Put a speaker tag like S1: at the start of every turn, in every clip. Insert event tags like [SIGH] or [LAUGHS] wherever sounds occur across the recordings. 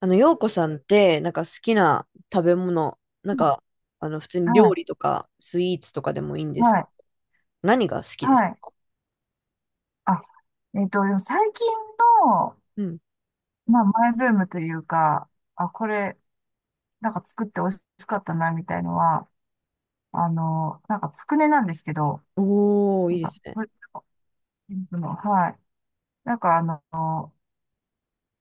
S1: 洋子さんって、なんか好きな食べ物、なんか、普通に
S2: は
S1: 料
S2: い、
S1: 理とか、スイーツとかでもいいんですけ
S2: は
S1: ど、
S2: い、
S1: 何が好きです？
S2: はい。あ、最近の、
S1: うん。
S2: マイブームというか、あ、これ、なんか作って美味しかったな、みたいのは、つくねなんですけど、
S1: おー、い
S2: な
S1: い
S2: ん
S1: で
S2: か、
S1: すね。
S2: はい。なんか、あの、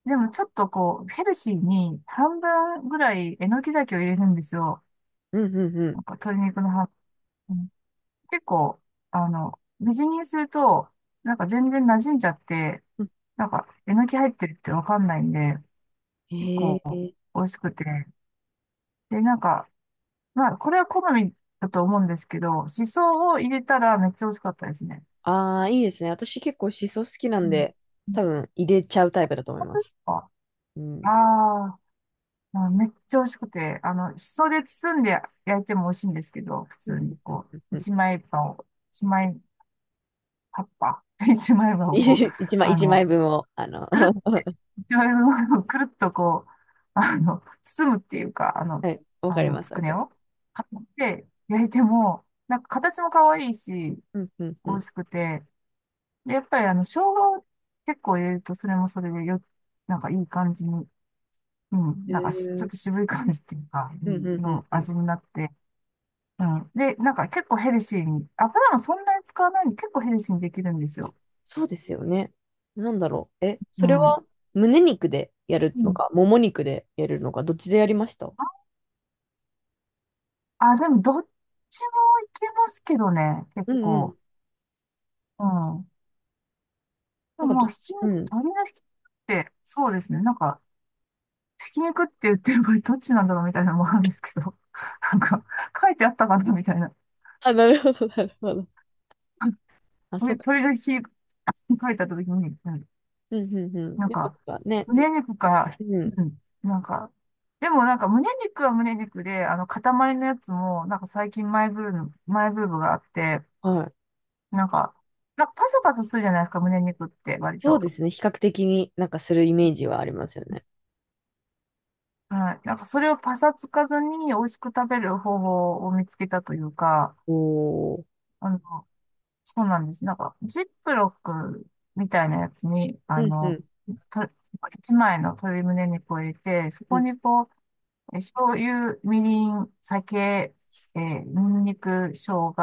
S2: でもちょっとこう、ヘルシーに半分ぐらいえのきだけを入れるんですよ。
S1: うん、うん、うん。
S2: なんか、鶏肉の半分。結構、みじん切りにすると、なんか全然馴染んじゃって、
S1: うん。
S2: なんか、えのき入ってるってわかんないんで、結
S1: へ
S2: 構
S1: え。
S2: 美味しくて。で、なんか、まあ、これは好みだと思うんですけど、しそを入れたらめっちゃ美味しかったですね。
S1: ああ、いいですね。私結構シソ好きな
S2: う
S1: ん
S2: ん。
S1: で、多分入れちゃうタイプだと思い
S2: 本
S1: ま
S2: 当で
S1: す。
S2: すか？
S1: う
S2: あー
S1: ん。
S2: あ、まあめっちゃ美味しくて、しそで包んで焼いても美味しいんですけど、普
S1: うん、
S2: 通に
S1: うん、
S2: こ
S1: うん。
S2: う、
S1: うん
S2: 一枚葉を、一枚葉っぱ、[LAUGHS] 一枚葉をこう、
S1: [LAUGHS]
S2: あ
S1: 一枚
S2: の、
S1: 分を、
S2: くる
S1: [LAUGHS]
S2: って、醤油のものを [LAUGHS] くるっとこう、包むっていうか、
S1: はい。わかりま
S2: つ
S1: す、わ
S2: くね
S1: かりま
S2: を
S1: す。
S2: 買って焼いても、なんか形も可愛いし、
S1: うん、うん、う
S2: 美味
S1: ん。
S2: しくて、で、やっぱり生姜を結構入れると、それもそれでよ、なんかいい感じに、うん、
S1: へ
S2: なんかしちょっ
S1: ー。
S2: と渋い感じっていうか、う
S1: うん、
S2: ん
S1: うん、うん、
S2: の
S1: うん。
S2: 味になって、うん。で、なんか結構ヘルシーに、油もそんなに使わないんで結構ヘルシーにできるんですよ。
S1: そうですよね。なんだろう。え、
S2: う
S1: それ
S2: ん。
S1: は胸肉でやる
S2: う
S1: の
S2: ん。
S1: か、もも肉でやるのか、どっちでやりました？
S2: あ、でもどっちもいけますけどね、結
S1: うんうん。
S2: 構。うん。で
S1: な
S2: も
S1: んか
S2: まあ、
S1: ど、
S2: ひき
S1: う
S2: 肉、
S1: ん。
S2: 鶏のひき肉って、そうですね、なんか、ひき肉って言ってる場合どっちなんだろうみたいなのもあるんですけど、[LAUGHS] なんか、書いてあったかなみたいな。
S1: あ、なるほど、なるほど。あ、
S2: [LAUGHS] で
S1: そっか。
S2: 鶏のひき肉って書いてあった時に、うん、
S1: うんうんうん。
S2: なん
S1: やっ
S2: か、
S1: ぱなんかね、
S2: 胸肉か、
S1: うん。
S2: うん、なんか、でもなんか胸肉は胸肉で、塊のやつも、なんか最近マイブームがあって、
S1: はい。
S2: なんか、なんかパサパサするじゃないですか、胸肉って割
S1: そう
S2: と。
S1: ですね。比較的になんかするイメージはありますよね。
S2: はい。なんかそれをパサつかずに美味しく食べる方法を見つけたというか、
S1: おー。
S2: あの、そうなんです。なんか、ジップロックみたいなやつに、
S1: うんうん
S2: と、一枚の鶏胸肉を入れて、そ
S1: う
S2: こ
S1: ん
S2: にこう、醤油、みりん、酒、ニンニク、生姜、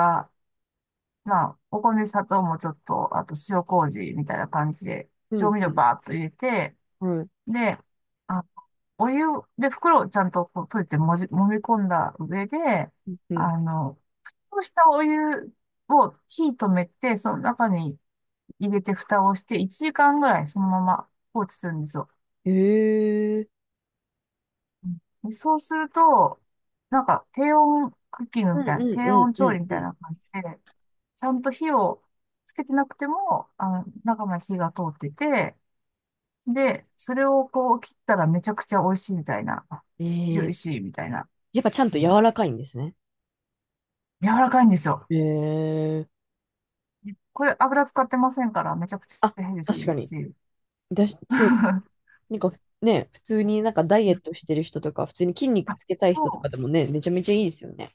S2: まあ、お米、砂糖もちょっと、あと塩麹みたいな感じで、
S1: う
S2: 調
S1: ん
S2: 味
S1: う
S2: 料
S1: ん。
S2: バーっと入れて、
S1: はい。
S2: で、あ、お湯で袋をちゃんとこう閉じて揉み込んだ上で、
S1: うんうん。
S2: あの、そうしたお湯を火止めて、その中に入れて蓋をして1時間ぐらいそのまま放置するんですよ。
S1: へえ。
S2: うん、でそうすると、なんか低温クッキング
S1: う
S2: み
S1: ん
S2: たいな、
S1: うん
S2: 低
S1: うん
S2: 温
S1: う
S2: 調理
S1: ん
S2: みたい
S1: う
S2: な感じで、ちゃんと火をつけてなくても、中まで火が通ってて、で、それをこう切ったらめちゃくちゃ美味しいみたいな。
S1: ん。
S2: ジュー
S1: ー、
S2: シーみたいな。
S1: やっぱちゃんと
S2: うん。
S1: 柔らかいんですね。
S2: 柔らかいんですよ。
S1: へえ。
S2: これ油使ってませんからめちゃくち
S1: あ、
S2: ゃヘルシー
S1: 確
S2: で
S1: か
S2: す
S1: に。
S2: し。
S1: だし、
S2: [LAUGHS]
S1: そう、
S2: あ、
S1: なんかね、普通になんかダイエットしてる人とか、普通に筋肉つけたい
S2: そ
S1: 人と
S2: う、
S1: かでもね、めちゃめちゃいいですよね。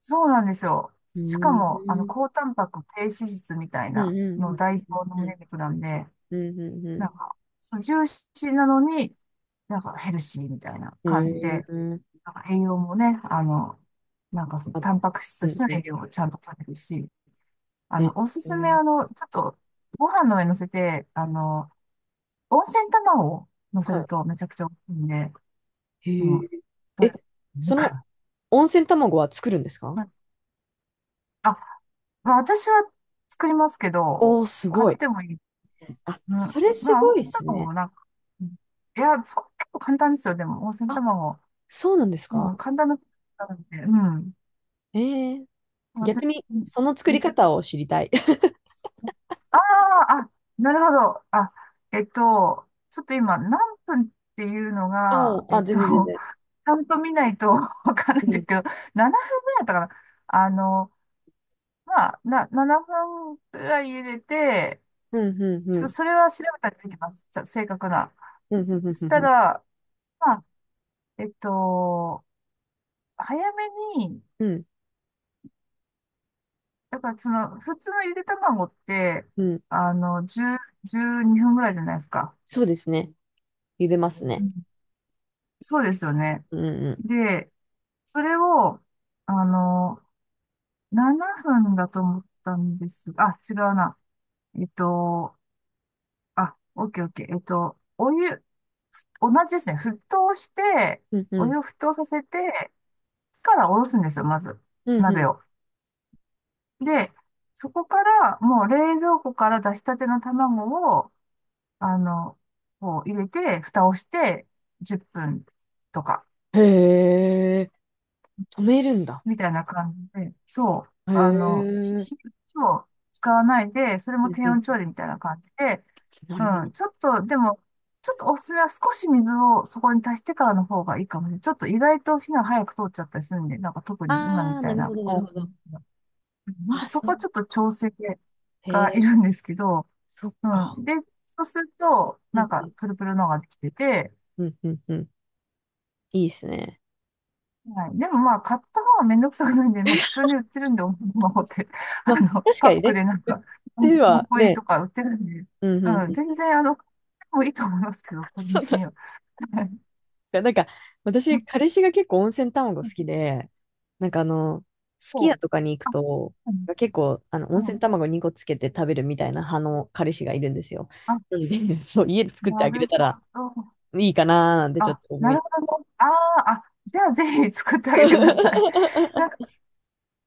S2: そうなんですよ。
S1: う
S2: しかも、
S1: ーん。
S2: 高タンパク低脂質みたい
S1: うんう
S2: な
S1: ん
S2: の代表の
S1: うんうん。
S2: 胸肉なんで、
S1: うんう
S2: なん
S1: ん
S2: か、そう、ジューシーなのに、なんかヘルシーみたいな
S1: うん。
S2: 感
S1: へ
S2: じで、
S1: ー。
S2: なんか栄養もね、なんかその、
S1: あ、
S2: タンパク質と
S1: う
S2: し
S1: ん
S2: ての
S1: うん。
S2: 栄養をちゃんと取れるし、
S1: へー。
S2: おす
S1: う
S2: すめ、
S1: ん。
S2: ちょっと、ご飯の上に乗せて、温泉卵を乗せる
S1: は
S2: とめちゃくちゃ美味しいんで、
S1: い。へ
S2: うん、
S1: ー。
S2: そ
S1: え、
S2: れ、い
S1: そ
S2: か
S1: の
S2: ら、
S1: 温泉卵は作るんですか？
S2: まあ、まあ、私は作りますけど、
S1: おー、す
S2: 買
S1: ご
S2: っ
S1: い。
S2: てもいい。
S1: あ、
S2: うん、
S1: それす
S2: まあ、温
S1: ごいで
S2: 泉
S1: す
S2: 卵
S1: ね。
S2: もなんか、うん、いや、そう、結構簡単ですよ、でも、温泉
S1: あ、
S2: 卵。
S1: そうなんです
S2: うん、
S1: か？
S2: 簡単な、なので、うん。
S1: えー、
S2: まあ、
S1: 逆
S2: 全
S1: にその作り
S2: 然。
S1: 方を知りたい。[LAUGHS]
S2: ああ、あ、なるほど。あ、ちょっと今、何分っていうの
S1: お
S2: が、
S1: ー、あ、全
S2: [LAUGHS]
S1: 然全然。
S2: ちゃんと見ないと [LAUGHS] わかんな
S1: う
S2: いんで
S1: ん。
S2: すけど、7分ぐらいだったかな。あの、まあ、な、7分ぐらい入れて、
S1: うんうんう
S2: ちょっ
S1: ん。
S2: とそれは調べたりできます。ちゃ正確な。
S1: うんうんうん
S2: そし
S1: う
S2: た
S1: んうん
S2: ら、まあ、えっと、早めに、
S1: うん、
S2: だからその、普通のゆで卵って、
S1: うん。
S2: 10、12分ぐらいじゃないですか。
S1: そうですね。茹でます
S2: う
S1: ね。
S2: ん、そうですよね。
S1: うんうん。
S2: で、それを、あの、7分だと思ったんですが、あ、違うな。えっと、あ、オッケーオッケー。お湯、同じですね。沸騰して、
S1: うんう
S2: お
S1: ん。
S2: 湯を沸騰させて、からおろすんですよ、まず。
S1: うん
S2: 鍋
S1: う
S2: を。で、そこから、もう冷蔵庫から出したての卵を、あの、こう入れて、蓋をして、10分とか。
S1: ん。へえ、止めるんだ。
S2: みたいな感じで、そう、
S1: へ
S2: 火
S1: え。
S2: を使わないで、それ
S1: う
S2: も
S1: ん
S2: 低
S1: う
S2: 温調
S1: ん。
S2: 理みたいな感じで、
S1: なるほど。
S2: うん、ちょっと、でも、ちょっとおすすめは少し水をそこに足してからの方がいいかもしれない。ちょっと意外と火が早く通っちゃったりするんで、なんか特に今
S1: あ
S2: み
S1: あ、
S2: た
S1: な
S2: い
S1: る
S2: な、
S1: ほど、なる
S2: こ
S1: ほ
S2: う、
S1: ど。
S2: なんか
S1: あ、
S2: そ
S1: そ
S2: こ
S1: う。
S2: はちょっと調整
S1: へ
S2: がい
S1: え、
S2: るんですけど、
S1: そっ
S2: う
S1: か。
S2: ん。で、そうすると、
S1: う
S2: な
S1: ん
S2: ん
S1: う
S2: か
S1: ん
S2: プルプルのができてて、
S1: うんうんうん。いいですね。
S2: はい。でもまあ、買った方はめんどくさくないんで、まあ、普
S1: [LAUGHS]
S2: 通に売ってるんで、おままごって、[LAUGHS]
S1: まあ、確
S2: パッ
S1: かに
S2: ク
S1: ね。
S2: でなん
S1: [LAUGHS]
S2: か、
S1: うち
S2: 4個
S1: は
S2: 入り
S1: ね、
S2: とか売ってるんで、
S1: うんうん
S2: うん、
S1: う
S2: 全
S1: ん。
S2: 然、買ってもいいと思いますけど、
S1: [LAUGHS]
S2: 個人
S1: そう
S2: 的には。はい。
S1: か。なんか、私、彼氏が結構温泉卵好きで、なんかすき
S2: そ
S1: 家
S2: う。
S1: とかに行く
S2: あ、
S1: と、
S2: うん、
S1: 結構、温
S2: うん、
S1: 泉卵2個つけて食べるみたいな派の彼氏がいるんですよ。
S2: あ、
S1: なので、[LAUGHS] そう、家で作って
S2: な
S1: あげれ
S2: る
S1: たら
S2: ほど。
S1: いいかなーなんてちょっ
S2: あ、
S1: と思
S2: な
S1: いま
S2: るほど。あーあ、
S1: す。
S2: じゃあぜひ作ってあげてください。[LAUGHS] なんか
S1: [LAUGHS]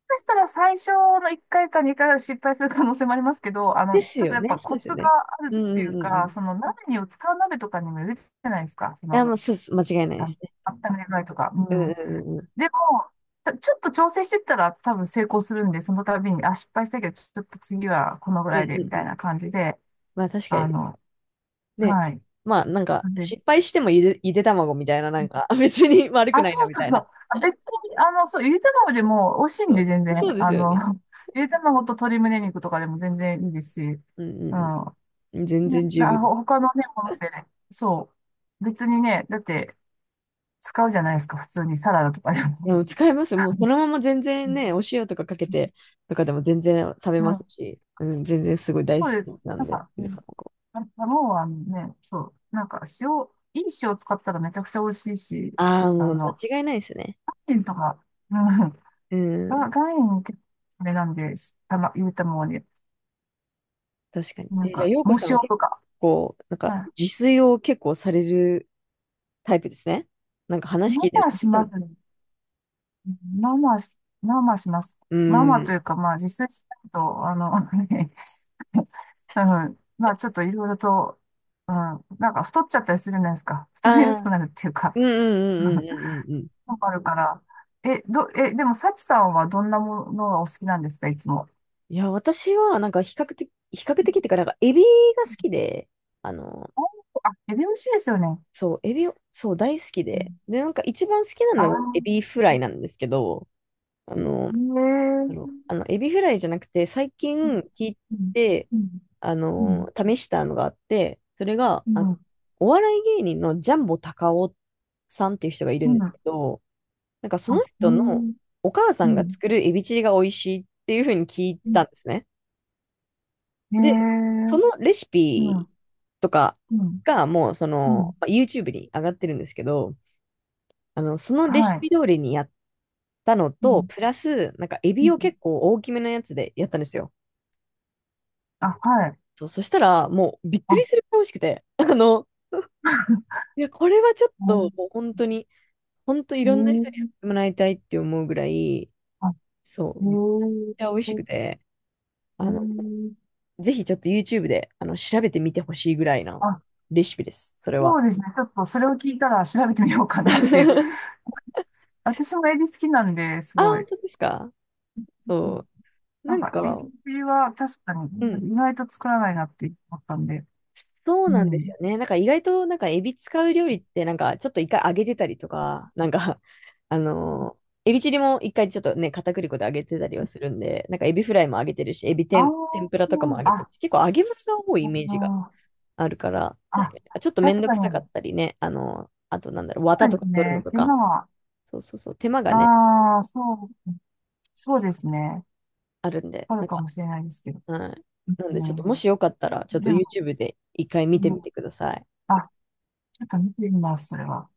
S2: そしたら最初の1回か2回は失敗する可能性もありますけど、
S1: です
S2: ちょっと
S1: よ
S2: やっ
S1: ね、
S2: ぱ
S1: そう
S2: コ
S1: ですよ
S2: ツが
S1: ね。
S2: ある
S1: う
S2: っ
S1: ん
S2: て
S1: う
S2: い
S1: ん
S2: う
S1: うんうん。
S2: か、
S1: い
S2: その鍋にを使う鍋とかにもよるじゃないですか。そ
S1: や、
S2: の、
S1: もう、そうそ間違いないで
S2: あの
S1: すね。
S2: 温める具合とか。
S1: うん
S2: うん。
S1: うんうんうん。
S2: でも、たちょっと調整してったら多分成功するんで、その度に、あ、失敗したけど、ちょっと次はこのぐ
S1: うん
S2: らい
S1: う
S2: で、み
S1: んう
S2: たい
S1: ん。
S2: な感じで、
S1: まあ、確か
S2: あ
S1: に。
S2: の、
S1: ね。
S2: はい。
S1: まあ、なんか、
S2: なんで、
S1: 失敗してもゆで卵みたいな、なんか、別に悪く
S2: あ、
S1: ない
S2: そ
S1: な、
S2: う
S1: み
S2: そう
S1: たい
S2: そ
S1: な。
S2: う。あ、別に、そう、ゆで卵でも美味しいん
S1: そ
S2: で、
S1: う、
S2: 全然。
S1: そうですよね。
S2: [LAUGHS] ゆで卵と鶏胸肉とかでも全然いいですし。
S1: うんう
S2: う
S1: ん
S2: ん。
S1: うん。全
S2: ね
S1: 然十分
S2: な、
S1: です。
S2: ほ他のね、ものってね、そう。別にね、だって使うじゃないですか、普通にサラダとかで
S1: い
S2: も。
S1: や、もう使えます。もうそのまま全然ね、
S2: う
S1: お塩とかかけてとかでも全然食べ
S2: ん。う
S1: ます
S2: ん、
S1: し、うん、全然すごい大
S2: そうです。
S1: 好きなん
S2: なん
S1: で。
S2: か、うん。あ、卵はね、そう。なんか塩、いい塩使ったらめちゃくちゃ美味しいし、
S1: ああ、
S2: あ
S1: もう
S2: の、
S1: 間違いないですね。
S2: 塩とか、うん。
S1: うん、
S2: が岩塩結構あれなんで、したま、ゆで卵に、
S1: 確かに。
S2: なん
S1: え、じゃあ、
S2: か、
S1: 洋子
S2: 藻
S1: さんは
S2: 塩
S1: 結
S2: とか。
S1: 構、なんか
S2: はい。
S1: 自炊を結構されるタイプですね。なんか話
S2: ま
S1: 聞
S2: あ
S1: いて
S2: ま
S1: る。
S2: あしますね。まあまあし、まあまあします。
S1: う
S2: まあまあと
S1: ん。
S2: いうか、まあ実際しないと、[LAUGHS] はい。まあ、ちょっといろいろと、うん、なんか太っちゃったりするじゃないですか。[LAUGHS]
S1: あ
S2: 太りやす
S1: あ、
S2: くなるっていうか、
S1: うんうん
S2: う
S1: う
S2: ん、
S1: んうんうんうんうん。
S2: わかるから。え、ど、え、でも、幸さんはどんなものがお好きなんですか、いつも。
S1: いや、私はなんか比較的、比較的っていうか、なんかエビが好きで、あの、
S2: あ、あヘビ虫ですよね。
S1: そう、エビを、そう、大好き
S2: う
S1: で。
S2: ん、
S1: で、なんか一番好きな
S2: あ、
S1: のはエビフライなんですけど、なん
S2: へええ
S1: だろう
S2: ー。
S1: エビフライじゃなくて、最近
S2: うん、
S1: 聞い
S2: うん、
S1: て、
S2: うん、うん、
S1: 試したのがあって、それが、
S2: う
S1: お笑い芸人のジャンボ高尾さんっていう人がいる
S2: ん、
S1: ん
S2: う
S1: ですけ
S2: ん、
S1: ど、なんかそ
S2: あ、
S1: の
S2: ええ
S1: 人の
S2: ー。
S1: お母さ
S2: う
S1: んが
S2: ん、
S1: 作るエビチリが美味しいっていうふうに聞い
S2: う
S1: た
S2: ん、
S1: んですね。
S2: へえ
S1: で、そ
S2: ー。
S1: のレシ
S2: う
S1: ピ
S2: ん、
S1: とか
S2: うん、
S1: がもう
S2: うん、
S1: まあ YouTube に上がってるんですけど、そのレシ
S2: はい。
S1: ピ通りにやったの
S2: う
S1: と、
S2: ん、
S1: プラス、なんか、エ
S2: う
S1: ビを
S2: ん、
S1: 結構大きめのやつでやったんですよ。
S2: あ、はい。
S1: そう、そしたら、もう、びっく
S2: あ、
S1: りするくらい美味しくて、[LAUGHS] いや、これはちょっと、もう本当に、本当い
S2: へえ
S1: ろんな人にやっ
S2: ー。
S1: てもらいたいって思うぐらい、そう、
S2: へ
S1: めっ
S2: え
S1: ちゃ美味
S2: ー、
S1: しく
S2: う
S1: て、あの、
S2: ん、
S1: ぜひちょっと YouTube で、調べてみてほしいぐらいな
S2: あ、
S1: レシピです、それは。
S2: そうですね。ちょっとそれを聞いたら調べてみようかなっていう。
S1: [LAUGHS]
S2: [LAUGHS] 私もエビ好きなんで、す
S1: あ、
S2: ご
S1: 本
S2: い。
S1: 当ですか？そう。
S2: な
S1: な
S2: ん
S1: ん
S2: か、エ
S1: か、
S2: ビは確かに
S1: うん。
S2: 意外と作らないなって思ったんで。
S1: そう
S2: う
S1: なんです
S2: ん。
S1: よね。なんか意外となんかエビ使う料理ってなんかちょっと一回揚げてたりとか、なんか [LAUGHS] あのーエビチリも一回ちょっとね、片栗粉で揚げてたりはするんで、なんかエビフライも揚げてるし、エビ
S2: あ
S1: 天、天
S2: ー、
S1: ぷらとかも揚げてる
S2: あ、
S1: し、結構揚げ物が多いイメージが
S2: あー、
S1: あるから、確か
S2: あ、
S1: にちょっとめん
S2: 確
S1: ど
S2: か
S1: くさか
S2: に、
S1: ったりね、あとなんだろう、綿
S2: そう
S1: と
S2: で
S1: か
S2: す
S1: 取るの
S2: ね。
S1: と
S2: 手間
S1: か、
S2: は、
S1: そうそうそう、手間がね、
S2: ああ、そう、そうですね。
S1: あるんで、
S2: ある
S1: なん
S2: か
S1: か、
S2: もしれないですけど。
S1: はい。なん
S2: う
S1: でちょっと
S2: ん、
S1: もしよかったら、ちょっと
S2: でも、
S1: YouTube で一回
S2: う
S1: 見て
S2: ん、
S1: みてください。
S2: あ、ちょっと見てみます、それは。